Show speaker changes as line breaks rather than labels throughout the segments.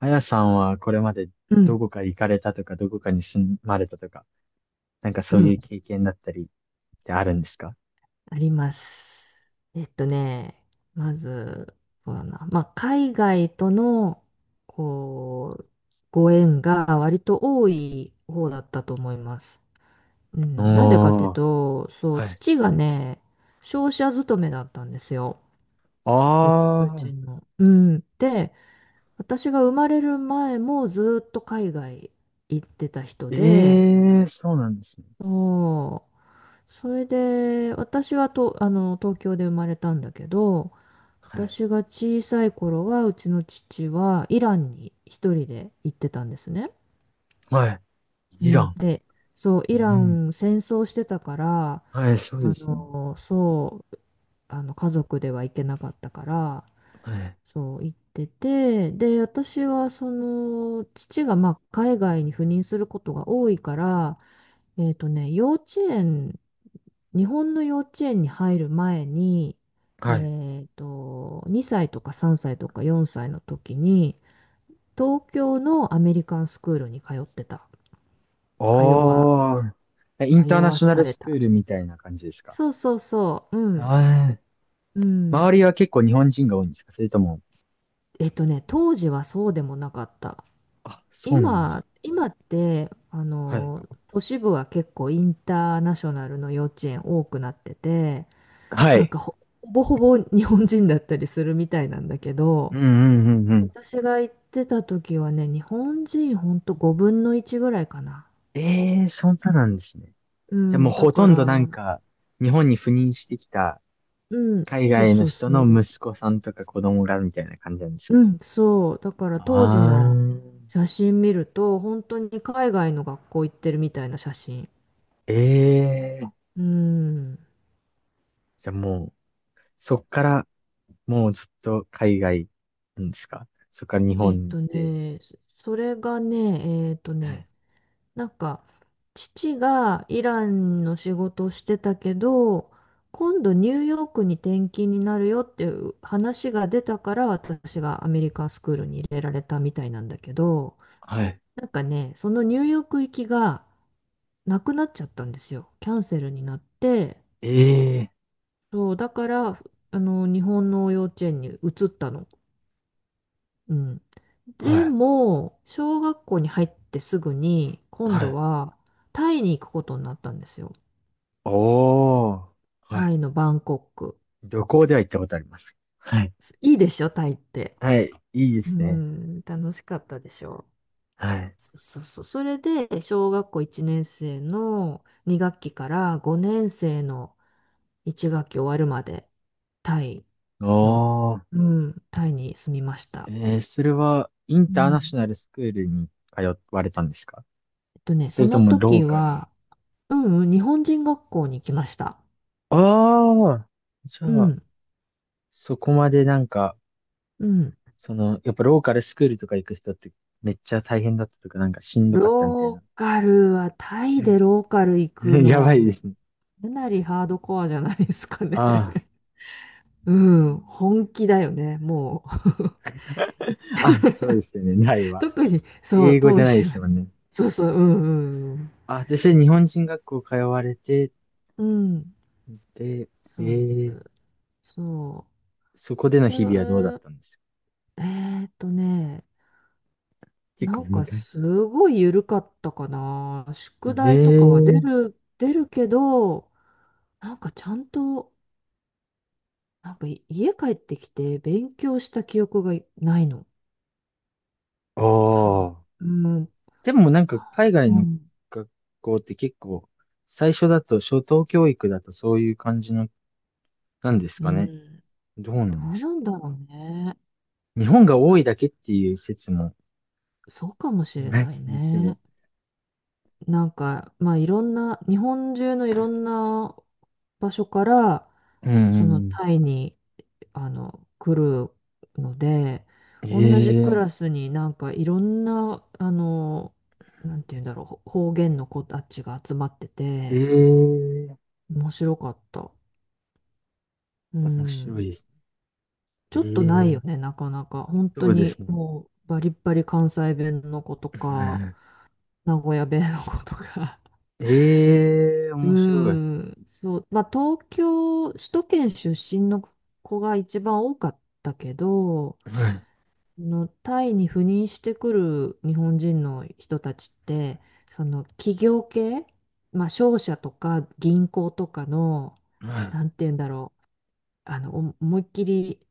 あやさんはこれまで
う
ど
ん、
こか行かれたとか、どこかに住まれたとか、なんか
う
そうい
ん、
う経験だったりってあるんですか？
あります。まず、そうだな、まあ、海外との、こう、ご縁が割と多い方だったと思います。うん、なんでかっていう
おー、
と、そう、
はい。
父がね、商社勤めだったんですよ。
あ
うちの。うん。で、私が生まれる前もずっと海外行ってた人
ー、
で、
ええー、そうなんですね。
そう、それで、私はと、東京で生まれたんだけど、
はい。
私が小さい頃は、うちの父はイランに一人で行ってたんですね。
はい。
う
イラ
ん。
ン。
で、そう、
え
イラン
え、
戦争してたから、
はい、そうで
あ
すよね。
の、そう、あの、家族では行けなかったから、
はい。
そう、行ってて、で、私は、その、父が、まあ、海外に赴任することが多いから、えっとね、幼稚園日本の幼稚園に入る前に、
はい。
2歳とか3歳とか4歳の時に、東京のアメリカンスクールに通ってた。通わ、
おー、イン
通
ターナ
わ
ショナ
さ
ル
れ
スクー
た。
ルみたいな感じですか？
そうそうそう、うん、
はい。
うん。
周りは結構日本人が多いんですか？それとも、
当時はそうでもなかった。
あ、そうなんです。
今って、
はい。
都市部は結構インターナショナルの幼稚園多くなってて、
は
なん
い。
かほ、ほぼほぼ日本人だったりするみたいなんだけ
う
ど、
んうんうん。
私が行ってた時はね、日本人ほんと5分の1ぐらいかな。
ええ、そんななんですね。
う
じゃあも
ん、
う
だ
ほ
か
とんどなん
ら、
か、日本に赴任してきた
うん、
海
そう
外の
そう
人
そ
の
う。
息子さんとか子供がみたいな感じなんです
う
かね。
ん、そう。だから
あ
当時の
ー、
写真見ると、本当に海外の学校行ってるみたいな写真。
ええ、
うん。
じゃあもう、そっから、もうずっと海外なんですか？そっから日
えっ
本
と
で。
ね、そそれがね、
はい
なんか、父がイランの仕事をしてたけど、今度ニューヨークに転勤になるよっていう話が出たから、私がアメリカンスクールに入れられたみたいなんだけど、
はい。
なんかね、そのニューヨーク行きがなくなっちゃったんですよ。キャンセルになって、
ええ、
そう、だから、日本の幼稚園に移ったの。うん。
は
で
い。
も、小学校に入ってすぐに、今
は
度
い。
はタイに行くことになったんですよ。
おー。はい。
タイのバンコク。
旅行では行ったことあります。はい。
いいでしょ、タイって。
はい。いいで
う
すね。
ん、楽しかったでしょ。
はい。
そうそうそう。それで、小学校1年生の2学期から5年生の1学期終わるまで、タイの、
おー。
うん、タイに住みまし
え
た。
それは、イン
う
ターナショ
ん。
ナルスクールに通われたんですか？そ
そ
れと
の
もロ
時
ーカルの、
は、うんうん、日本人学校に来ました。
ああ、じ
う
ゃあ、
ん、
そこまでなんか、
うん。
やっぱローカルスクールとか行く人ってめっちゃ大変だったとか、なんかしんどかったみたい
ロ
な。
ーカルは、タイでローカル行く の
やば
は、
いですね。
かなりハードコアじゃないですかね。
あ
うん、本気だよね、もう。
あ、あ、そうですよね。ない わ。
特に、そう、
英語じ
当
ゃない
時
です
は。
もんね。
そうそう、うんうん
あ、で、それ日本人学校通われて、
うん。うん、
で、え
そうです。
ー、
そ
そこでの
う。
日々はどうだっ
で、
たんですか？
えーっとね、な
結構
ん
難
か
しい。
すごい緩かったかな。
え
宿
え
題とかは出
ー、
る、出るけど、なんかちゃんと、なんかい家帰ってきて勉強した記憶がないの。
あ
多分。
あ。
うん。
でもなんか海外
う
の
ん。
学校って結構、最初だと、初等教育だとそういう感じの、なんです
う
かね。
ん。
どうな
ど
んで
う
す
な
か。
んだろうね。
日本が多いだけっていう説も、
そうかもしれ
な
な
き
い
にしも。
ね。なんか、まあいろんな、日本中のいろんな場所から、
うんう
その
ん
タイに、来るので、
う
同じク
ん。え
ラ
え、
スになんかいろんな、なんて言うんだろう、方言の子たちが集まってて、
ええ
面白かった。う
面白い
ん。
です
ち
ね。
ょっとな
え
いよね、
え、
なかなか。本
そ
当
うで
に
すね。
もうバリッバリ関西弁の子とか、名古屋弁の子とか。
ええ
うー
面白い。
ん、そう、まあ、首都圏出身の子が一番多かったけど、
はい、
あのタイに赴任してくる日本人の人たちって、その企業系、まあ、商社とか銀行とかの、
はい、
なんて言うんだろう、思いっきり、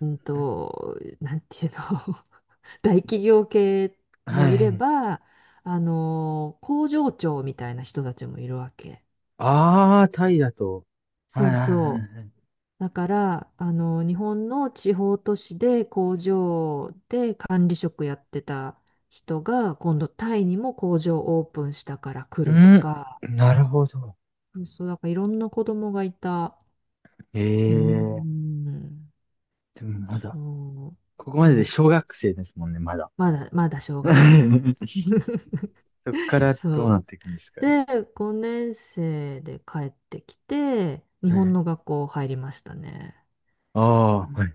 なんていうの、大企業系
は
もいれ
い。
ば、工場長みたいな人たちもいるわけ。
ああ、タイだと。はい、
そ
は
う
い、はい。
そ
はい、
う。だから、日本の地方都市で工場で管理職やってた人が、今度タイにも工場オープンしたから
う
来ると
ん、
か、
なるほど。
そう、そうだからいろんな子供がいた。うー
ええ、
ん、
でもまだ。
そ
ここ
う、
までで
楽しく。
小学生ですもんね、まだ。
まだ小学校です。
そこから
そ
どうなっ
う。
ていくんですか
で、5年生で帰ってきて、日本
ね。
の学校入りましたね。
あ
う
あ、は
ん、
い。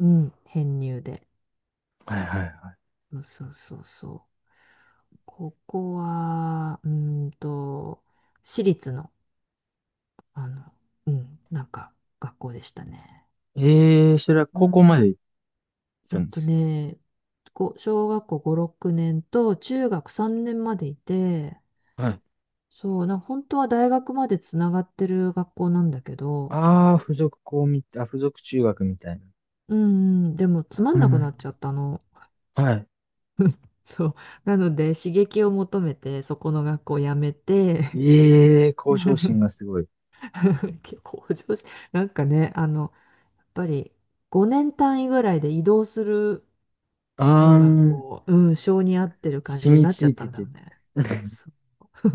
うん編入で。
はいはいは
そうそうそうそう。ここは、私立の、あの、うん、なんか、学校でしたね。
い。ええー、それは
う
高校ま
ん。
で行った
えっ
んで
と
す
ね、こう小学校5、6年と中学3年までいて、
よ。はい。
本当は大学までつながってる学校なんだけど、
ああ、付属校みたい、あ、付属中学みたいな。
うんうん、でもつまん
は
な
い
く
は
な
い
っちゃったの。
はい。
そう。なので、刺激を求めて、そこの学校を辞めて、
ええー、向上心が すごい。
結構向上し、なんかね、ぱり5年単位ぐらいで移動する
あ
のが
ー、
こう、うん、性に合ってる感じ
染
に
み
なっち
つ
ゃっ
い
た
て
んだよ
て。
ね。そ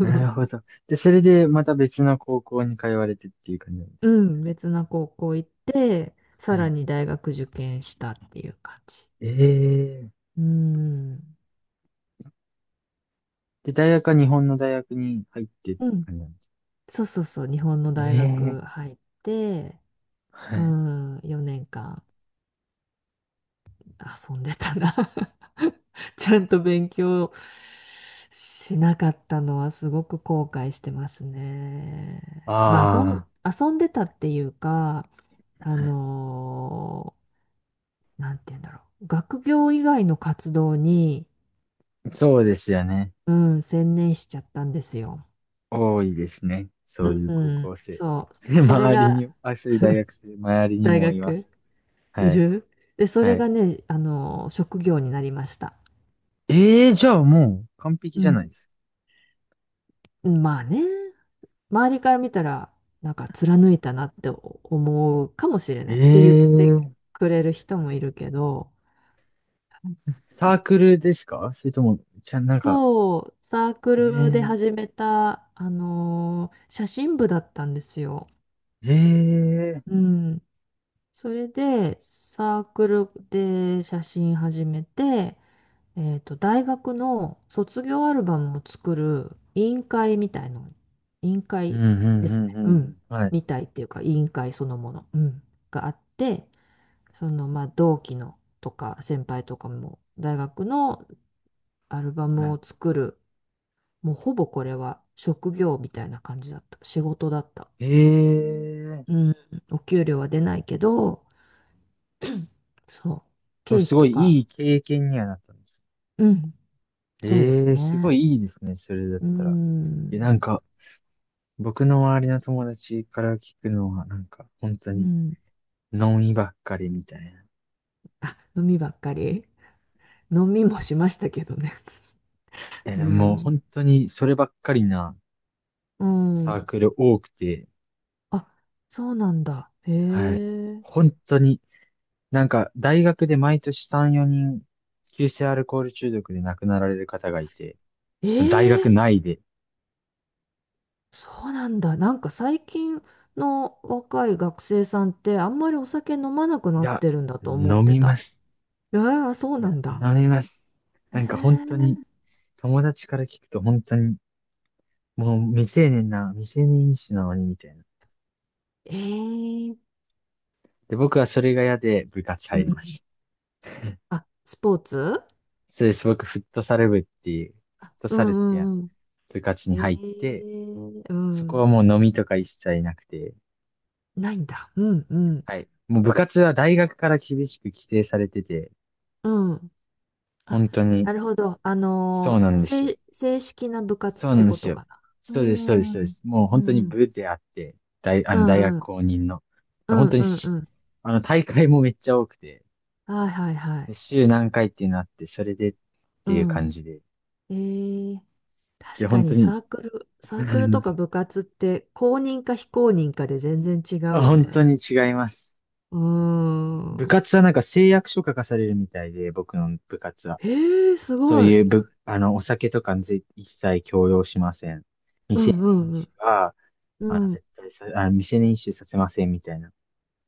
なるほど。で、それでまた別の高校に通われてっていう感じなんです
う
か。
ん、別な高校行って、
は
さら
い、
に大学受験したっていう感じ。
ええー、
うん、
で、大学は日本の大学に入ってって
うん、
感じなんですか？
そうそうそう、日本の大学
ええ、
入って、
は
う
い。
ん、4年間遊んでたな。 ちゃんと勉強しなかったのはすごく後悔してますね。まあ
あ
遊んでたっていうか、あ
あ、
のーなんて言うんだろう。学業以外の活動に、
そうですよね。
うん、専念しちゃったんですよ。
多いですね。そういう
う
高
ん、
校生。
そう。
それ
それ
周り
が
に、あ、そういう大学生、周りに
大
もいま
学
す。
い
はい。
る。で、そ
は
れが
い。
ね、あの職業になりました。
ええ、じゃあもう完璧
う
じゃない
ん。
ですか。
まあね。周りから見たら、なんか貫いたなって思うかもしれないって言って
ええ、
くれる人もいるけど、
サークルですか？それとも、じゃあなんか、
そう、サークルで
ええ
始めた、写真部だったんですよ。
ええ、
うん。それで、サークルで写真始めて、大学の卒業アルバムを作る委員会みたいの、委員
うん、
会
うん、
です
うん、う
ね。う
ん。うん、
ん。
はい。
みたいっていうか、委員会そのもの、うん、があって、そのまあ同期のとか先輩とかも大学のアルバ
は
ム
い。
を作る、もうほぼこれは職業みたいな感じだった。仕事だった。
ええ、
うん。お給料は出ないけど、そう。
でも
経費
すご
と
いい
か、
い経験にはなったんです。
うん。そうです
ええ、すご
ね。
いいいですね。それだっ
う
たら。
ん。
え、なんか、僕の周りの友達から聞くのは、なんか、本当
う
に、
ん。
ノンイばっかりみたいな。
あ、飲みばっかり、飲みもしましたけどね。
え、
う
でももう
ん。
本当に、そればっかりな
う
サ
ん。
ークル多くて、
あ、そうなんだ。へ
はい。
え。
本当に、なんか、大学で毎年3、4人、急性アルコール中毒で亡くなられる方がいて、その大
え
学
え、
内で、
そうなんだ。なんか最近の若い学生さんってあんまりお酒飲まなく
い
なっ
や、
てるんだと思っ
飲
て
みま
た。
す。
ああ、そう
い
な
や、
んだ。
飲みます。なんか本当
へ
に、友達から聞くと本当に、もう未成年飲酒なのにみたいな。
え。
で、僕はそれが嫌で部活
う
入
ん。
りました。
あ、スポーツ。
そうです。僕、フ
あ、
ット
う
サルっていう
んうんうん。
部活に
え
入って、
え、う
そこは
ん。
もう飲みとか一切なくて、
ないんだ。うんうん。
はい。もう部活は大学から厳しく規制されてて、
うん。あ、
本当に、
なるほど。
そうなんですよ。
正式な部
そ
活っ
うなん
て
で
こ
す
と
よ。
かな。う
そうです、そうです、
ん。う
そうで
ん
す。もう
う
本当に
ん。
部であって、
う
大学
んうん。
公認の。
う
で本
ん
当に
うんう
し、
ん。
あの、大会もめっちゃ多くて、
はいはいは
で
い。
週何回っていうのあって、それでっ
う
ていう感
ん。
じで。
えー、
で、
確か
本当
に
に、
サークルとか 部活って公認か非公認かで全然違
あ、
うよ
本当
ね。
に違います。
うー
部
ん。
活はなんか誓約書書かされるみたいで、僕の部活は。
えー、す
そう
ごい。
いうぶあの、お酒とか一切強要しません。
う
未成
ん
年飲
う
酒
ん
は、
うん。うん
絶対さ、あの、未成年飲酒させませんみたいな。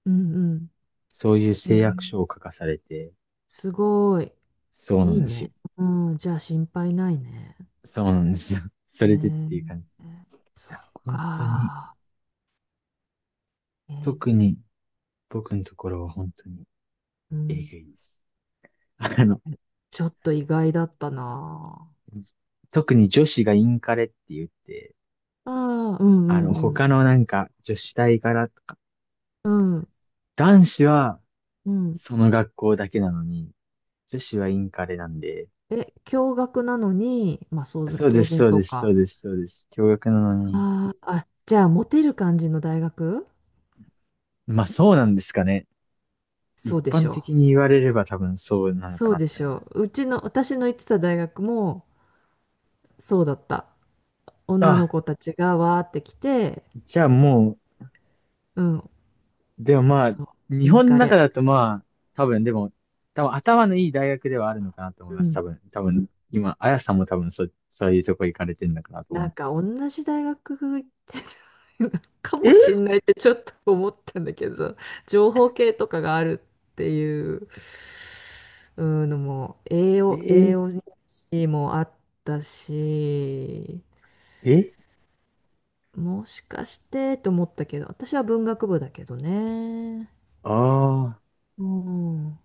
うんうん。
そういう
え
誓約書を
ー、
書かされて、
すごい。
そうな
い
ん
い
です
ね。
よ。
うん、じゃあ心配ないね。
そうなんですよ。それでっ
ね
ていう感じ。い
え、そ
や、
っ
本当に、
か。え
特
ー、
に僕のところは本当に
う
え
ん。
ぐいです。あの、
ちょっと意外だったな。
特に女子がインカレって言って、
ああ、うんうんうん。
他のなんか、女子大からとか、
うん
男子は
うん。
その学校だけなのに、女子はインカレなんで、
え、共学なのに、まあ、そう、
そうで
当
す、
然
そう
そ
で
う
す、
か。
そうです、そうです。共学なのに、
あーあ、じゃあ、モテる感じの大学
まあそうなんですかね。
そ
一
うでし
般
ょう。
的に言われれば多分そうなのか
そ
な
う
っ
で
て
し
思いま
ょ
す。
う。うちの、私の行ってた大学も、そうだった。女の
あ、
子たちがわーって来て、
じゃあも
うん、
う、でもまあ、
そう、
日
イン
本の
カ
中
レ。
だとまあ、多分でも、多分頭のいい大学ではあるのかなと思いま
う
す。多
ん、
分、多分、今、あやさんも多分そういうとこ行かれてるのかなと思
な
うん
ん
で
か
す。
同じ大学行ってた か
ええ
もしんないってちょっと思ったんだけど、情報系とかがあるっていう、うんのも、栄養士もあったし、
ええ、
もしかしてと思ったけど、私は文学部だけどね。
ああ、
うん、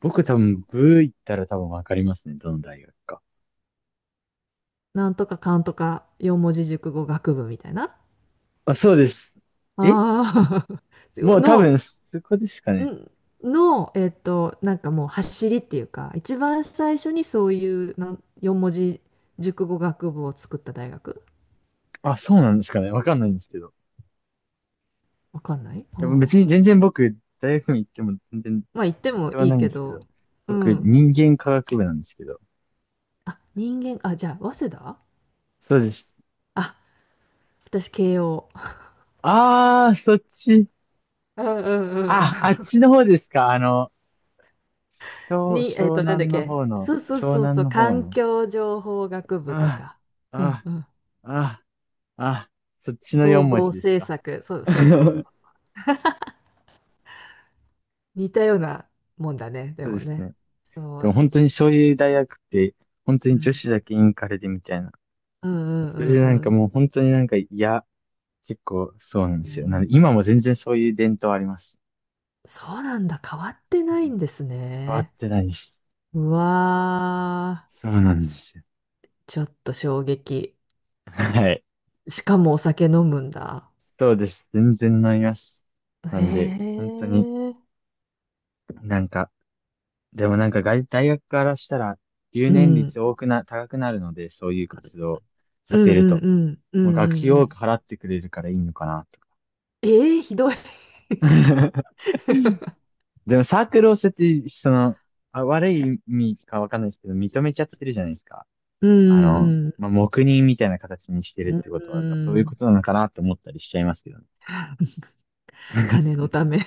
僕
そう
多
そ
分、
う。
ブー行ったら多分わかりますね。どの大学か。
なんとかかんとか四文字熟語学部みたいな。
あ、そうです。え
ああ。
もう多
の
分、そこですか
う
ね。
んの、なんかもう走りっていうか、一番最初にそういう4文字熟語学部を作った大学
あ、そうなんですかね。わかんないんですけど。
わかんない。あ
でも別に
あ、
全然僕、大学に行っても全然、
まあ言って
そ
も
れは
いい
ないんで
け
すけ
ど、
ど。
う
僕、
ん。
人間科学部なんですけど。
あ、人間、あ、じゃあ、早稲田。
そうです。
あ、私、慶応。
あー、そっち。
うんうんうん
あ、あっちの方ですか。
うん。に、
湘
なんだっ
南の
け。
方の、
そうそう
湘
そう
南
そう、
の方
環
の。
境情報学部と
あ
か、
ー、
うん
あ
うん。
ー、あー、あー、そっちの
総
4文
合
字です
政
か？
策、そう そうそうそ
そ
うそう。似たようなもんだね、で
うで
も
す
ね。
ね。
そ
でも
う、
本当にそういう大学って、本当
う
に女
ん
子だけインカレでみたいな。
うんう
それ
ん
で
う
なん
んう
か
ん。
もう本当になんか嫌、結構そうなん
う
ですよ。なんで
ん、
今も全然そういう伝統あります。
そうなんだ。変わってないんです
変わっ
ね。
てないし。
うわ
そうなんですよ。
ー。ちょっと衝撃。
はい。
しかもお酒飲むんだ。
そうです。全然なります。な
へ
んで、本当に
え。
なんか、でもなんか外大学からしたら留
う
年率
ん。
多くな、高くなるので、そういう活動
う
させ
んう
る
ん
と。
うんう
もう
ん
学
う
費
んう
多く
ん。
払ってくれるからいいのかな、とか。
ええー、ひどい。
でもサークルを設置、悪い意味かわかんないですけど、認めちゃってるじゃないですか。
うんうん
まあ、黙認みたいな形にしてるっ
うん。
てこと
う
は、やっぱそういうこ
ん。
となのかなって思ったりしちゃいますけどね。
金 のため。